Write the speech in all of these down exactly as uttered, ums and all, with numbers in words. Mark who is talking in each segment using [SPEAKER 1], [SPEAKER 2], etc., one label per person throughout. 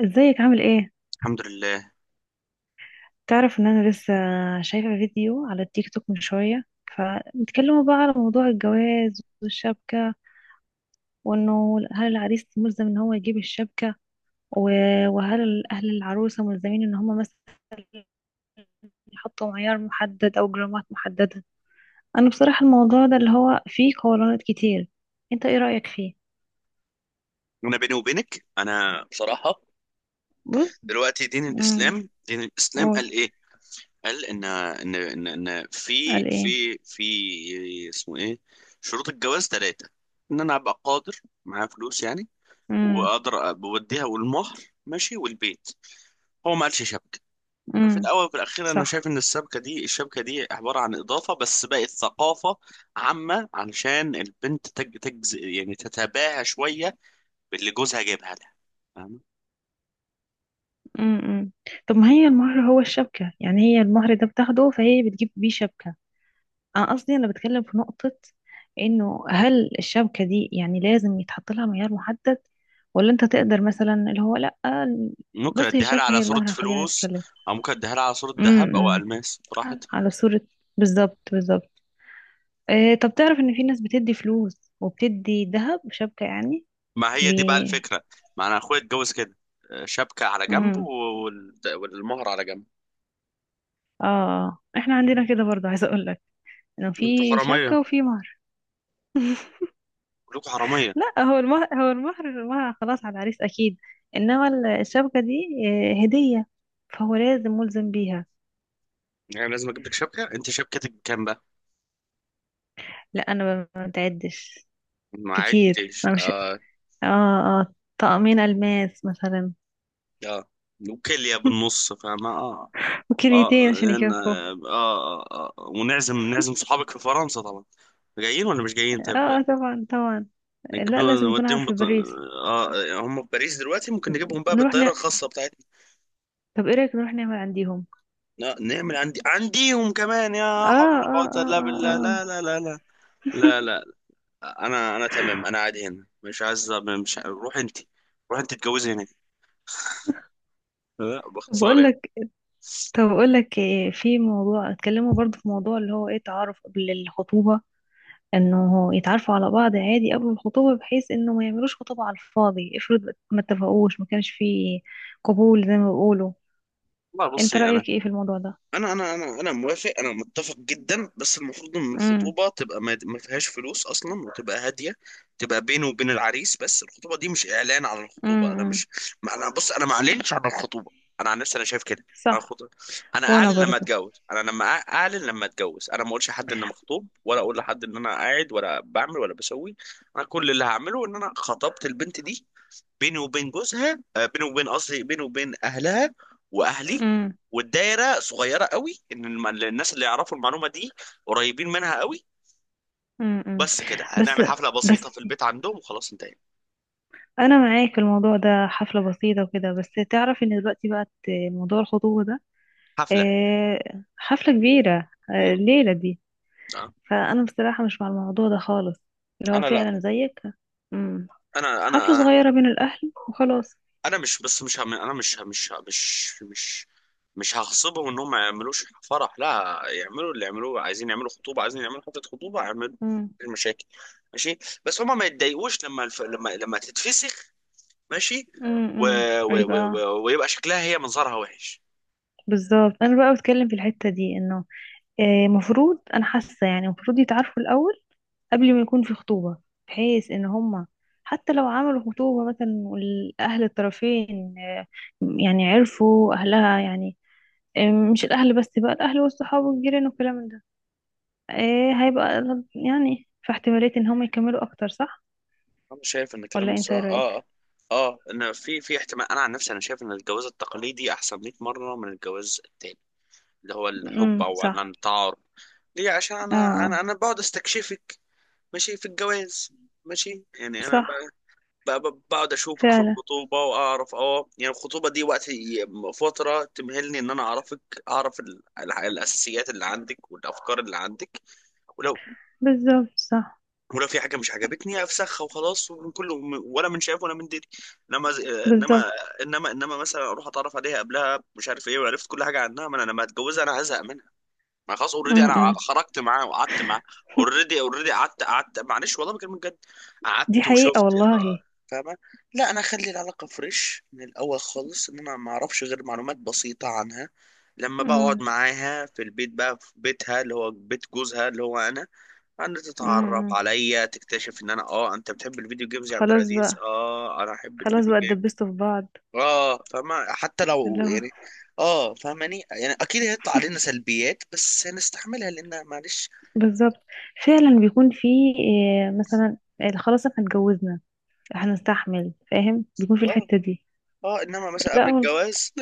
[SPEAKER 1] ازيك؟ عامل ايه؟
[SPEAKER 2] الحمد لله.
[SPEAKER 1] تعرف ان انا لسه شايفة فيديو على التيك توك من شوية، فبيتكلموا بقى على موضوع الجواز والشبكة، وانه هل العريس ملزم ان هو يجيب الشبكة و- وهل اهل العروسة ملزمين ان هم مثلا يحطوا معيار محدد او جرامات محددة. انا بصراحة الموضوع ده اللي هو فيه قولانات كتير. انت ايه رأيك فيه؟
[SPEAKER 2] انا بيني وبينك، انا بصراحه.
[SPEAKER 1] بص.
[SPEAKER 2] دلوقتي دين
[SPEAKER 1] امم.
[SPEAKER 2] الاسلام دين الاسلام قال
[SPEAKER 1] قول.
[SPEAKER 2] ايه؟ قال ان ان ان, إن في
[SPEAKER 1] قال ايه؟
[SPEAKER 2] في في اسمه ايه، شروط الجواز ثلاثه. ان انا ابقى قادر، معايا فلوس يعني،
[SPEAKER 1] امم،
[SPEAKER 2] واقدر بوديها والمهر، ماشي، والبيت. هو ما قالش شبكه. ففي
[SPEAKER 1] امم،
[SPEAKER 2] الاول وفي الاخير انا
[SPEAKER 1] صح.
[SPEAKER 2] شايف ان السبكه دي الشبكه دي عباره عن اضافه، بس بقت ثقافه عامه، علشان البنت تج- تجز، يعني تتباهى شويه باللي جوزها جايبها لها. فاهمة؟
[SPEAKER 1] امم، امم. طب ما هي المهر هو الشبكة، يعني هي المهر ده بتاخده فهي بتجيب بيه شبكة. أنا قصدي، أنا بتكلم في نقطة، إنه هل الشبكة دي يعني لازم يتحط لها معيار محدد، ولا أنت تقدر مثلا اللي هو لأ.
[SPEAKER 2] ممكن
[SPEAKER 1] بص، هي
[SPEAKER 2] اديها لها
[SPEAKER 1] الشبكة
[SPEAKER 2] على
[SPEAKER 1] هي
[SPEAKER 2] صورة
[SPEAKER 1] المهر، خلينا
[SPEAKER 2] فلوس،
[SPEAKER 1] نتكلم.
[SPEAKER 2] او ممكن اديها لها على صورة ذهب او
[SPEAKER 1] امم.
[SPEAKER 2] الماس براحتها.
[SPEAKER 1] على صورة. بالظبط، بالظبط. إيه؟ طب تعرف إن في ناس بتدي فلوس وبتدي ذهب شبكة يعني.
[SPEAKER 2] ما هي
[SPEAKER 1] بي...
[SPEAKER 2] دي بقى الفكرة. ما انا اخويا اتجوز كده، آه، شبكة على جنب
[SPEAKER 1] امم،
[SPEAKER 2] وال- والمهر على جنب.
[SPEAKER 1] اه، آه. احنا عندنا كده برضه، عايزة أقول لك إنه
[SPEAKER 2] انتوا
[SPEAKER 1] في
[SPEAKER 2] حرامية،
[SPEAKER 1] شبكة وفي مهر.
[SPEAKER 2] كلكم حرامية.
[SPEAKER 1] لا، هو المهر هو المهر، ما خلاص على العريس اكيد، انما ال- الشبكه دي آه، هديه، فهو لازم ملزم بيها.
[SPEAKER 2] يعني لازم اجيب لك شبكة، انت شبكتك كام بقى؟
[SPEAKER 1] لا، انا ما بتعدش
[SPEAKER 2] ما
[SPEAKER 1] كتير،
[SPEAKER 2] عدتش.
[SPEAKER 1] انا مش...
[SPEAKER 2] اه
[SPEAKER 1] اه، اه، طقمين الماس مثلا.
[SPEAKER 2] اه وكلية بالنص، فاهمة؟ اه. اه
[SPEAKER 1] وكليتين عشان
[SPEAKER 2] إن-
[SPEAKER 1] يكفوا.
[SPEAKER 2] اه اه, آه. آه. ونعزم، نعزم صحابك في فرنسا طبعا، جايين ولا مش جايين؟
[SPEAKER 1] اه،
[SPEAKER 2] طيب،
[SPEAKER 1] آه، طبعا طبعا.
[SPEAKER 2] نجيب
[SPEAKER 1] لا،
[SPEAKER 2] لهم-
[SPEAKER 1] لازم يكون
[SPEAKER 2] نوديهم
[SPEAKER 1] عارف في
[SPEAKER 2] بط...
[SPEAKER 1] باريس.
[SPEAKER 2] آه، هم في باريس دلوقتي، ممكن نجيبهم بقى
[SPEAKER 1] نروح
[SPEAKER 2] بالطياره
[SPEAKER 1] ن...
[SPEAKER 2] الخاصه بتاعتنا.
[SPEAKER 1] طب ايه رايك نروح نعمل عنديهم؟
[SPEAKER 2] لا، نعمل عندي عنديهم كمان، يا حول
[SPEAKER 1] اه،
[SPEAKER 2] ولا
[SPEAKER 1] اه،
[SPEAKER 2] قوه
[SPEAKER 1] اه،
[SPEAKER 2] الا
[SPEAKER 1] اه،
[SPEAKER 2] بالله،
[SPEAKER 1] آه.
[SPEAKER 2] لا لا لا لا، لا لا. انا انا تمام، انا قاعد هنا مش عايز، مش ع- روح انت، روح انت اتجوزي هناك، لا
[SPEAKER 1] طب
[SPEAKER 2] باختصار
[SPEAKER 1] اقول
[SPEAKER 2] يعني.
[SPEAKER 1] لك طب اقول لك آه، في موضوع اتكلموا برضو، في موضوع اللي هو ايه، تعارف قبل الخطوبه، انه يتعرفوا على بعض عادي قبل الخطوبة، بحيث انه ما يعملوش خطوبة على الفاضي. افرض ما اتفقوش، ما كانش فيه قبول زي ما بيقولوا.
[SPEAKER 2] والله
[SPEAKER 1] انت
[SPEAKER 2] بصي، انا
[SPEAKER 1] رأيك ايه في الموضوع ده؟
[SPEAKER 2] انا انا انا انا موافق، انا متفق جدا، بس المفروض ان
[SPEAKER 1] امم،
[SPEAKER 2] الخطوبه تبقى ما ما فيهاش فلوس اصلا، وتبقى هاديه، تبقى بينه وبين العريس بس، الخطوبه دي مش اعلان عن الخطوبه، انا
[SPEAKER 1] امم،
[SPEAKER 2] مش، ما انا بص، انا ما اعلنش عن الخطوبه، انا عن نفسي انا شايف كده. انا
[SPEAKER 1] صح.
[SPEAKER 2] خطوبة. انا
[SPEAKER 1] وانا
[SPEAKER 2] اعلن لما
[SPEAKER 1] برضو.
[SPEAKER 2] اتجوز، انا لما أع- اعلن لما اتجوز، انا ما اقولش لحد ان أنا مخطوب، ولا اقول لحد ان انا قاعد ولا بعمل ولا بسوي. انا كل اللي هعمله ان انا خطبت البنت دي، بيني وبين جوزها، آه، بيني وبين قصدي بيني وبين اهلها واهلي،
[SPEAKER 1] امم،
[SPEAKER 2] والدايره صغيره قوي، ان الم- الناس اللي يعرفوا المعلومه دي قريبين منها قوي،
[SPEAKER 1] امم.
[SPEAKER 2] بس كده.
[SPEAKER 1] بس،
[SPEAKER 2] هنعمل حفله
[SPEAKER 1] بس،
[SPEAKER 2] بسيطه في البيت عندهم وخلاص انتهينا.
[SPEAKER 1] انا معاك في الموضوع ده. حفله بسيطه وكده بس. تعرف ان دلوقتي بقت موضوع الخطوبه ده
[SPEAKER 2] حفله.
[SPEAKER 1] آه، حفله كبيره، آه،
[SPEAKER 2] مم.
[SPEAKER 1] الليله دي.
[SPEAKER 2] آه.
[SPEAKER 1] فانا بصراحه مش مع الموضوع ده خالص، اللي هو
[SPEAKER 2] انا لا،
[SPEAKER 1] فعلا زيك. امم.
[SPEAKER 2] انا
[SPEAKER 1] حفلة
[SPEAKER 2] انا
[SPEAKER 1] صغيرة بين الأهل وخلاص.
[SPEAKER 2] انا مش، بس مش هم... انا مش مش مش مش مش هغصبهم انهم ما يعملوش فرح، لا يعملوا اللي يعملوه، عايزين يعملوا خطوبه، عايزين يعملوا حفله خطوبه، اعملوا
[SPEAKER 1] امم،
[SPEAKER 2] المشاكل ماشي، بس هما ما يتضايقوش لما الف... لما لما تتفسخ، ماشي، و...
[SPEAKER 1] امم،
[SPEAKER 2] و... و...
[SPEAKER 1] يبقى...
[SPEAKER 2] و... ويبقى شكلها، هي منظرها وحش.
[SPEAKER 1] بالظبط. أنا بقى بتكلم في الحتة دي إنه آه، مفروض، أنا حاسة يعني مفروض يتعارفوا الأول قبل ما يكون في خطوبة، بحيث إن هما حتى لو عملوا خطوبة مثلا والأهل الطرفين آه، يعني عرفوا أهلها، يعني آه، مش الأهل بس بقى، الأهل والصحاب والجيران والكلام من ده. آه، هيبقى يعني في احتمالية إن هما يكملوا أكتر، صح؟
[SPEAKER 2] انا شايف ان
[SPEAKER 1] ولا
[SPEAKER 2] كلامك
[SPEAKER 1] أنت
[SPEAKER 2] صح،
[SPEAKER 1] إيه رأيك؟
[SPEAKER 2] اه اه. اه ان في في احتمال، انا عن نفسي انا شايف ان الجواز التقليدي احسن مئة مره من الجواز التاني، اللي هو الحب،
[SPEAKER 1] امم،
[SPEAKER 2] او ان
[SPEAKER 1] صح.
[SPEAKER 2] أنا التعارف. ليه؟ عشان
[SPEAKER 1] اه،
[SPEAKER 2] انا انا
[SPEAKER 1] آه،
[SPEAKER 2] انا بقعد استكشفك، ماشي، في الجواز، ماشي يعني انا ب-
[SPEAKER 1] صح
[SPEAKER 2] ب- ب- بقعد اشوفك في
[SPEAKER 1] فعلا.
[SPEAKER 2] الخطوبه، واعرف اه يعني، الخطوبه دي وقت ي- فتره تمهلني ان انا اعرفك، اعرف ال- ال- الاساسيات اللي عندك، والافكار اللي عندك، ولو
[SPEAKER 1] بالظبط، صح.
[SPEAKER 2] ولو في حاجه مش عجبتني افسخها، وخلاص، ومن كله، ولا من شايف ولا من دري. انما ز- انما
[SPEAKER 1] بالظبط.
[SPEAKER 2] انما انما مثلا اروح اتعرف عليها قبلها، مش عارف ايه، وعرفت كل حاجه عنها، ما انا لما اتجوزها انا هزهق منها. ما خلاص، اوريدي
[SPEAKER 1] م-
[SPEAKER 2] انا
[SPEAKER 1] م.
[SPEAKER 2] خرجت معاه وقعدت معاه، اوريدي اوريدي قعدت قعدت معلش والله بكلمك جد،
[SPEAKER 1] دي
[SPEAKER 2] قعدت
[SPEAKER 1] حقيقة
[SPEAKER 2] وشفت. آه،
[SPEAKER 1] والله.
[SPEAKER 2] فاهمه؟ لا، انا اخلي العلاقه فريش من الاول خالص، ان انا ما اعرفش غير معلومات بسيطه عنها، لما
[SPEAKER 1] م-
[SPEAKER 2] بقعد معاها في البيت بقى في بيتها، اللي هو بيت جوزها، اللي هو انا، ان
[SPEAKER 1] م-
[SPEAKER 2] تتعرف
[SPEAKER 1] م.
[SPEAKER 2] عليا، تكتشف ان انا، اه انت بتحب الفيديو جيمز يا عبد
[SPEAKER 1] خلاص
[SPEAKER 2] العزيز؟
[SPEAKER 1] بقى،
[SPEAKER 2] اه انا احب
[SPEAKER 1] خلاص
[SPEAKER 2] الفيديو
[SPEAKER 1] بقى
[SPEAKER 2] جيمز.
[SPEAKER 1] اتدبستوا في بعض.
[SPEAKER 2] اه فما حتى
[SPEAKER 1] اللي
[SPEAKER 2] لو
[SPEAKER 1] هو
[SPEAKER 2] يعني، اه فاهماني يعني، اكيد هيطلع علينا سلبيات بس هنستحملها لان معلش.
[SPEAKER 1] بالظبط، فعلا بيكون في آه، مثلا آه، خلاص احنا اتجوزنا، هنستحمل، فاهم؟ بيكون في
[SPEAKER 2] اه
[SPEAKER 1] الحتة دي.
[SPEAKER 2] اه، انما مثلا
[SPEAKER 1] لا
[SPEAKER 2] قبل
[SPEAKER 1] هو...
[SPEAKER 2] الجواز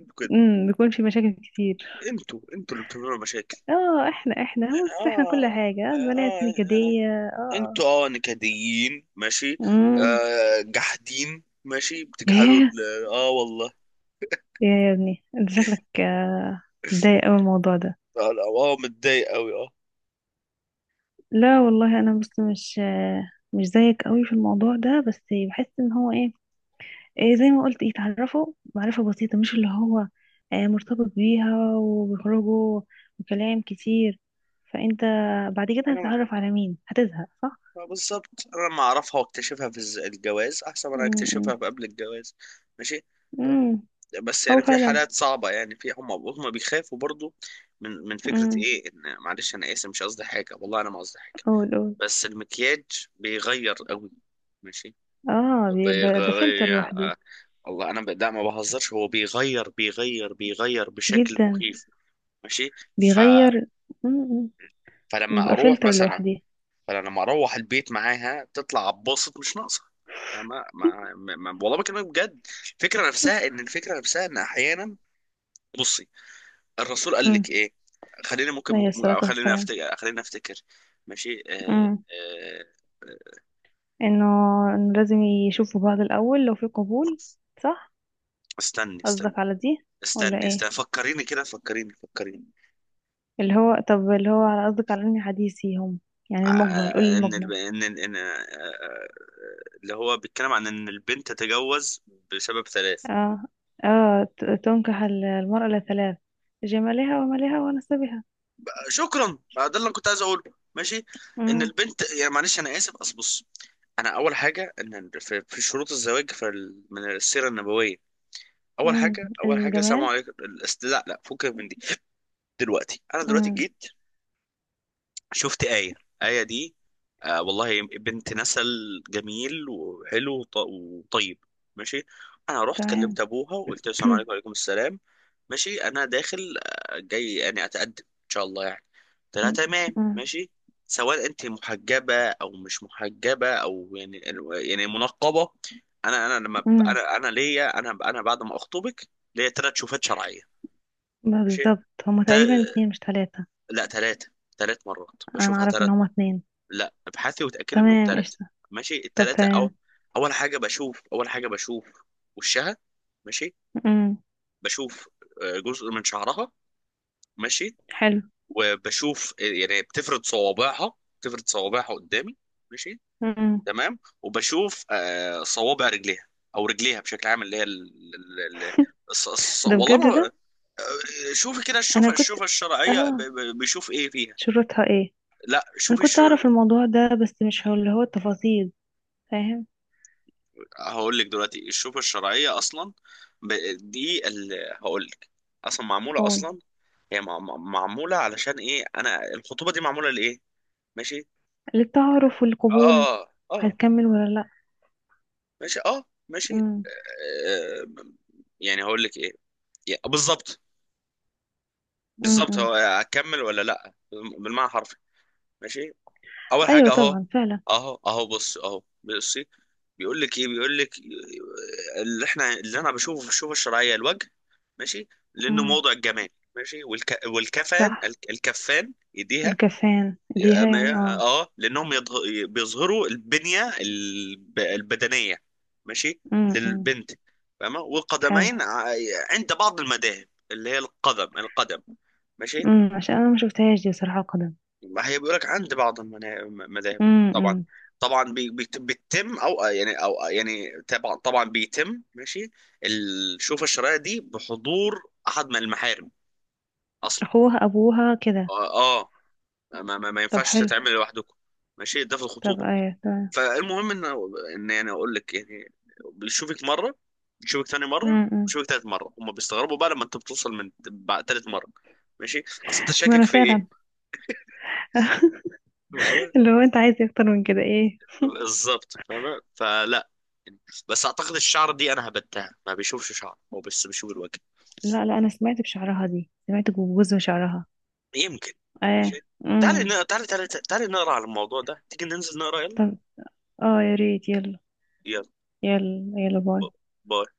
[SPEAKER 2] انتوا كده.
[SPEAKER 1] امم، بيكون في مشاكل كتير.
[SPEAKER 2] انتوا انتوا اللي بتعملوا مشاكل،
[SPEAKER 1] اه، احنا احنا بص احنا كل
[SPEAKER 2] اه
[SPEAKER 1] حاجة،
[SPEAKER 2] اه
[SPEAKER 1] آه، البنات
[SPEAKER 2] آه،
[SPEAKER 1] نكدية، اه.
[SPEAKER 2] انتوا اه نكديين ماشي،
[SPEAKER 1] امم.
[SPEAKER 2] آه جحدين ماشي، بتجحدوا
[SPEAKER 1] ياه.
[SPEAKER 2] ال- اه والله.
[SPEAKER 1] يا يا ابني، انت شكلك آه، متضايق اوي من الموضوع ده.
[SPEAKER 2] اه لا، آه، متضايق قوي.
[SPEAKER 1] لا والله، انا بس مش مش زيك قوي في الموضوع ده، بس بحس ان هو ايه، إيه زي ما قلت، يتعرفوا معرفة بسيطة، مش اللي هو آه، مرتبط بيها وبيخرجوا وكلام كتير. فانت بعد كده
[SPEAKER 2] انا
[SPEAKER 1] هتتعرف على مين؟ هتزهق، صح.
[SPEAKER 2] ما- بالظبط. انا لما اعرفها واكتشفها في الز- الجواز احسن ما انا اكتشفها
[SPEAKER 1] امم،
[SPEAKER 2] في قبل الجواز، ماشي.
[SPEAKER 1] امم،
[SPEAKER 2] بس
[SPEAKER 1] هو
[SPEAKER 2] يعني في
[SPEAKER 1] فعلا.
[SPEAKER 2] حالات صعبه يعني، في هم هم بيخافوا برضو من من فكره
[SPEAKER 1] امم.
[SPEAKER 2] ايه ان، معلش انا اسف مش قصدي حاجه، والله انا ما قصدي حاجه.
[SPEAKER 1] قول، قول.
[SPEAKER 2] بس المكياج بيغير قوي، ماشي،
[SPEAKER 1] اه، بي- ده ده فلتر
[SPEAKER 2] بيغير آه،
[SPEAKER 1] لوحدي.
[SPEAKER 2] والله انا ب- لا ما بهزرش، هو بيغير بيغير بيغير بشكل
[SPEAKER 1] جدا.
[SPEAKER 2] مخيف، ماشي. ف...
[SPEAKER 1] بيغير. امم.
[SPEAKER 2] فلما
[SPEAKER 1] بيبقى
[SPEAKER 2] اروح
[SPEAKER 1] فلتر
[SPEAKER 2] مثلا،
[SPEAKER 1] لوحدي.
[SPEAKER 2] فانا لما اروح البيت معاها تطلع اتبسط مش ناقصه. ما ما, ما, ما والله بكلمك بجد، الفكره نفسها ان، الفكره نفسها ان احيانا، بصي، الرسول قال لك
[SPEAKER 1] امم.
[SPEAKER 2] ايه، خليني ممكن
[SPEAKER 1] عليه الصلاة
[SPEAKER 2] ممكن- خليني
[SPEAKER 1] والسلام.
[SPEAKER 2] افتكر، خليني افتكر ماشي، آه آه آه،
[SPEAKER 1] انه إنه لازم يشوفوا بعض الاول لو في قبول. صح.
[SPEAKER 2] استني استني
[SPEAKER 1] قصدك على دي ولا
[SPEAKER 2] استني
[SPEAKER 1] ايه؟
[SPEAKER 2] استني فكريني كده، فكريني فكريني
[SPEAKER 1] اللي هو طب اللي هو على قصدك على اني حديثي، هم يعني المجمل، قولي
[SPEAKER 2] آه، ان الب...
[SPEAKER 1] المجمل.
[SPEAKER 2] ان ان إن- آه، آه، اللي هو بيتكلم عن ان البنت تتجوز بسبب ثلاث.
[SPEAKER 1] اه، اه، ت- تنكح ال- المرأة لثلاث: جمالها ومالها ونسبها.
[SPEAKER 2] شكرا بقى، ده اللي انا كنت عايز اقوله، ماشي. ان
[SPEAKER 1] امم،
[SPEAKER 2] البنت يعني، معلش انا اسف اصل بص، انا اول حاجه ان في, في شروط الزواج، في ال- من السيره النبويه، اول
[SPEAKER 1] امم،
[SPEAKER 2] حاجه، اول حاجه سلام
[SPEAKER 1] الجمال.
[SPEAKER 2] عليكم الاست- لا لا فكك من دي. دلوقتي انا دلوقتي
[SPEAKER 1] امم.
[SPEAKER 2] جيت، شفت آية، آية دي آه والله بنت نسل جميل وحلو وط- وطيب، ماشي، انا رحت
[SPEAKER 1] تمام.
[SPEAKER 2] كلمت ابوها وقلت له السلام عليكم، وعليكم السلام، ماشي، انا داخل آه، جاي يعني اتقدم ان شاء الله يعني، قلت لها تمام
[SPEAKER 1] امم.
[SPEAKER 2] ماشي. سواء انت محجبه او مش محجبه او يعني، يعني منقبه، انا انا لما ب-
[SPEAKER 1] امم.
[SPEAKER 2] انا انا ليا، انا انا بعد ما اخطبك، ليا ثلاث شوفات شرعيه، ماشي،
[SPEAKER 1] بالظبط. هما
[SPEAKER 2] تا...
[SPEAKER 1] تقريبا اتنين مش تلاتة.
[SPEAKER 2] لا ثلاثه، ثلاث مرات
[SPEAKER 1] انا
[SPEAKER 2] بشوفها
[SPEAKER 1] اعرف ان
[SPEAKER 2] ثلاث.
[SPEAKER 1] هما اتنين.
[SPEAKER 2] لا ابحثي وتاكدي انهم
[SPEAKER 1] تمام،
[SPEAKER 2] ثلاثه،
[SPEAKER 1] قشطة.
[SPEAKER 2] ماشي،
[SPEAKER 1] طب
[SPEAKER 2] الثلاثه او،
[SPEAKER 1] تمام.
[SPEAKER 2] اول حاجه بشوف اول حاجه بشوف وشها، ماشي،
[SPEAKER 1] امم.
[SPEAKER 2] بشوف آه، جزء من شعرها، ماشي،
[SPEAKER 1] حلو.
[SPEAKER 2] وبشوف آه، يعني بتفرد صوابعها، بتفرد صوابعها قدامي، ماشي،
[SPEAKER 1] امم.
[SPEAKER 2] تمام، وبشوف آه، صوابع رجليها او رجليها بشكل عام، اللي هي ال... ال... ال... الص- الص-
[SPEAKER 1] ده
[SPEAKER 2] والله
[SPEAKER 1] بجد
[SPEAKER 2] ما،
[SPEAKER 1] ده.
[SPEAKER 2] آه، شوفي كده،
[SPEAKER 1] انا
[SPEAKER 2] الشوفة،
[SPEAKER 1] كنت...
[SPEAKER 2] الشوفة الشرعية ب-
[SPEAKER 1] اه
[SPEAKER 2] ب- بيشوف ايه فيها.
[SPEAKER 1] شروطها ايه؟
[SPEAKER 2] لا
[SPEAKER 1] انا
[SPEAKER 2] شوفي
[SPEAKER 1] كنت
[SPEAKER 2] شو...
[SPEAKER 1] اعرف الموضوع ده بس مش هو اللي هو التفاصيل، فاهم؟
[SPEAKER 2] هقول لك دلوقتي، الشوكة الشرعية أصلا ب- دي اللي، هقول لك، أصلا معمولة
[SPEAKER 1] قول.
[SPEAKER 2] أصلا، هي مع- مع- معمولة، علشان إيه أنا الخطوبة دي معمولة لإيه، ماشي،
[SPEAKER 1] للتعارف والقبول.
[SPEAKER 2] آه آه،
[SPEAKER 1] هتكمل ولا لا؟
[SPEAKER 2] ماشي آه، ماشي
[SPEAKER 1] امم،
[SPEAKER 2] آه، يعني هقول لك إيه، يا- بالظبط، بالظبط
[SPEAKER 1] امم.
[SPEAKER 2] هو هكمل ولا لأ، بالمعنى الحرفي، ماشي، اول
[SPEAKER 1] ايوه،
[SPEAKER 2] حاجه اهو،
[SPEAKER 1] طبعا فعلا.
[SPEAKER 2] اهو اهو بص اهو بصي، بيقول لك ايه، بيقول لك اللي احنا، اللي انا بشوفه في الشوفه الشرعيه الوجه، ماشي، لانه
[SPEAKER 1] امم،
[SPEAKER 2] موضع الجمال، ماشي، والك... والكفان،
[SPEAKER 1] صح.
[SPEAKER 2] الك- الكفان، ايديها،
[SPEAKER 1] الكفان
[SPEAKER 2] اه
[SPEAKER 1] ديها يعني،
[SPEAKER 2] ما-
[SPEAKER 1] اه.
[SPEAKER 2] آه، لانهم يضغ- بيظهروا البنيه الب... البدنيه، ماشي،
[SPEAKER 1] امم،
[SPEAKER 2] للبنت، فاهمه،
[SPEAKER 1] حلو.
[SPEAKER 2] والقدمين ع- عند بعض المذاهب اللي هي القدم، القدم، ماشي.
[SPEAKER 1] امم، عشان انا ما شفتهاش دي بصراحه، قدم.
[SPEAKER 2] ما هي بيقولك عند بعض المنا- المذاهب، طبعا،
[SPEAKER 1] امم.
[SPEAKER 2] طبعا بي- بيت- بيتم او يعني، او يعني طبعا طبعا بيتم، ماشي، الشوفة الشرعية دي بحضور احد من المحارم اصلا،
[SPEAKER 1] اخوها، ابوها، كده.
[SPEAKER 2] اه آه، ما ما, ما
[SPEAKER 1] طب
[SPEAKER 2] ينفعش
[SPEAKER 1] حلو.
[SPEAKER 2] تتعمل لوحدكم، ماشي، ده في
[SPEAKER 1] طب
[SPEAKER 2] الخطوبة،
[SPEAKER 1] ايوه، تمام.
[SPEAKER 2] فالمهم ان ان يعني اقول لك يعني، بيشوفك مرة، بيشوفك ثاني مرة،
[SPEAKER 1] امم.
[SPEAKER 2] بيشوفك ثالث مرة، هم بيستغربوا بقى لما انت بتوصل من بعد ثالث مرة، ماشي، اصل انت شاكك
[SPEAKER 1] انا
[SPEAKER 2] في
[SPEAKER 1] فعلا.
[SPEAKER 2] ايه.
[SPEAKER 1] اللي هو انت عايز إيه اكتر من كده، ايه؟
[SPEAKER 2] بالظبط فاهمة، فلا، بس اعتقد الشعر دي انا هبتها، ما بيشوفش شعر، هو بس بيشوف الوجه،
[SPEAKER 1] لا، لا، انا سمعت بشعرها دي، سمعت بجوز وشعرها.
[SPEAKER 2] يمكن،
[SPEAKER 1] اه،
[SPEAKER 2] ماشي، تعالي
[SPEAKER 1] امم.
[SPEAKER 2] ن- تعالي تعالي تعالي نقرا على الموضوع ده، تيجي ننزل نقرا يلا.
[SPEAKER 1] طب اه، يا ريت، يلا.
[SPEAKER 2] يلا
[SPEAKER 1] يلا يلا، باي.
[SPEAKER 2] باي.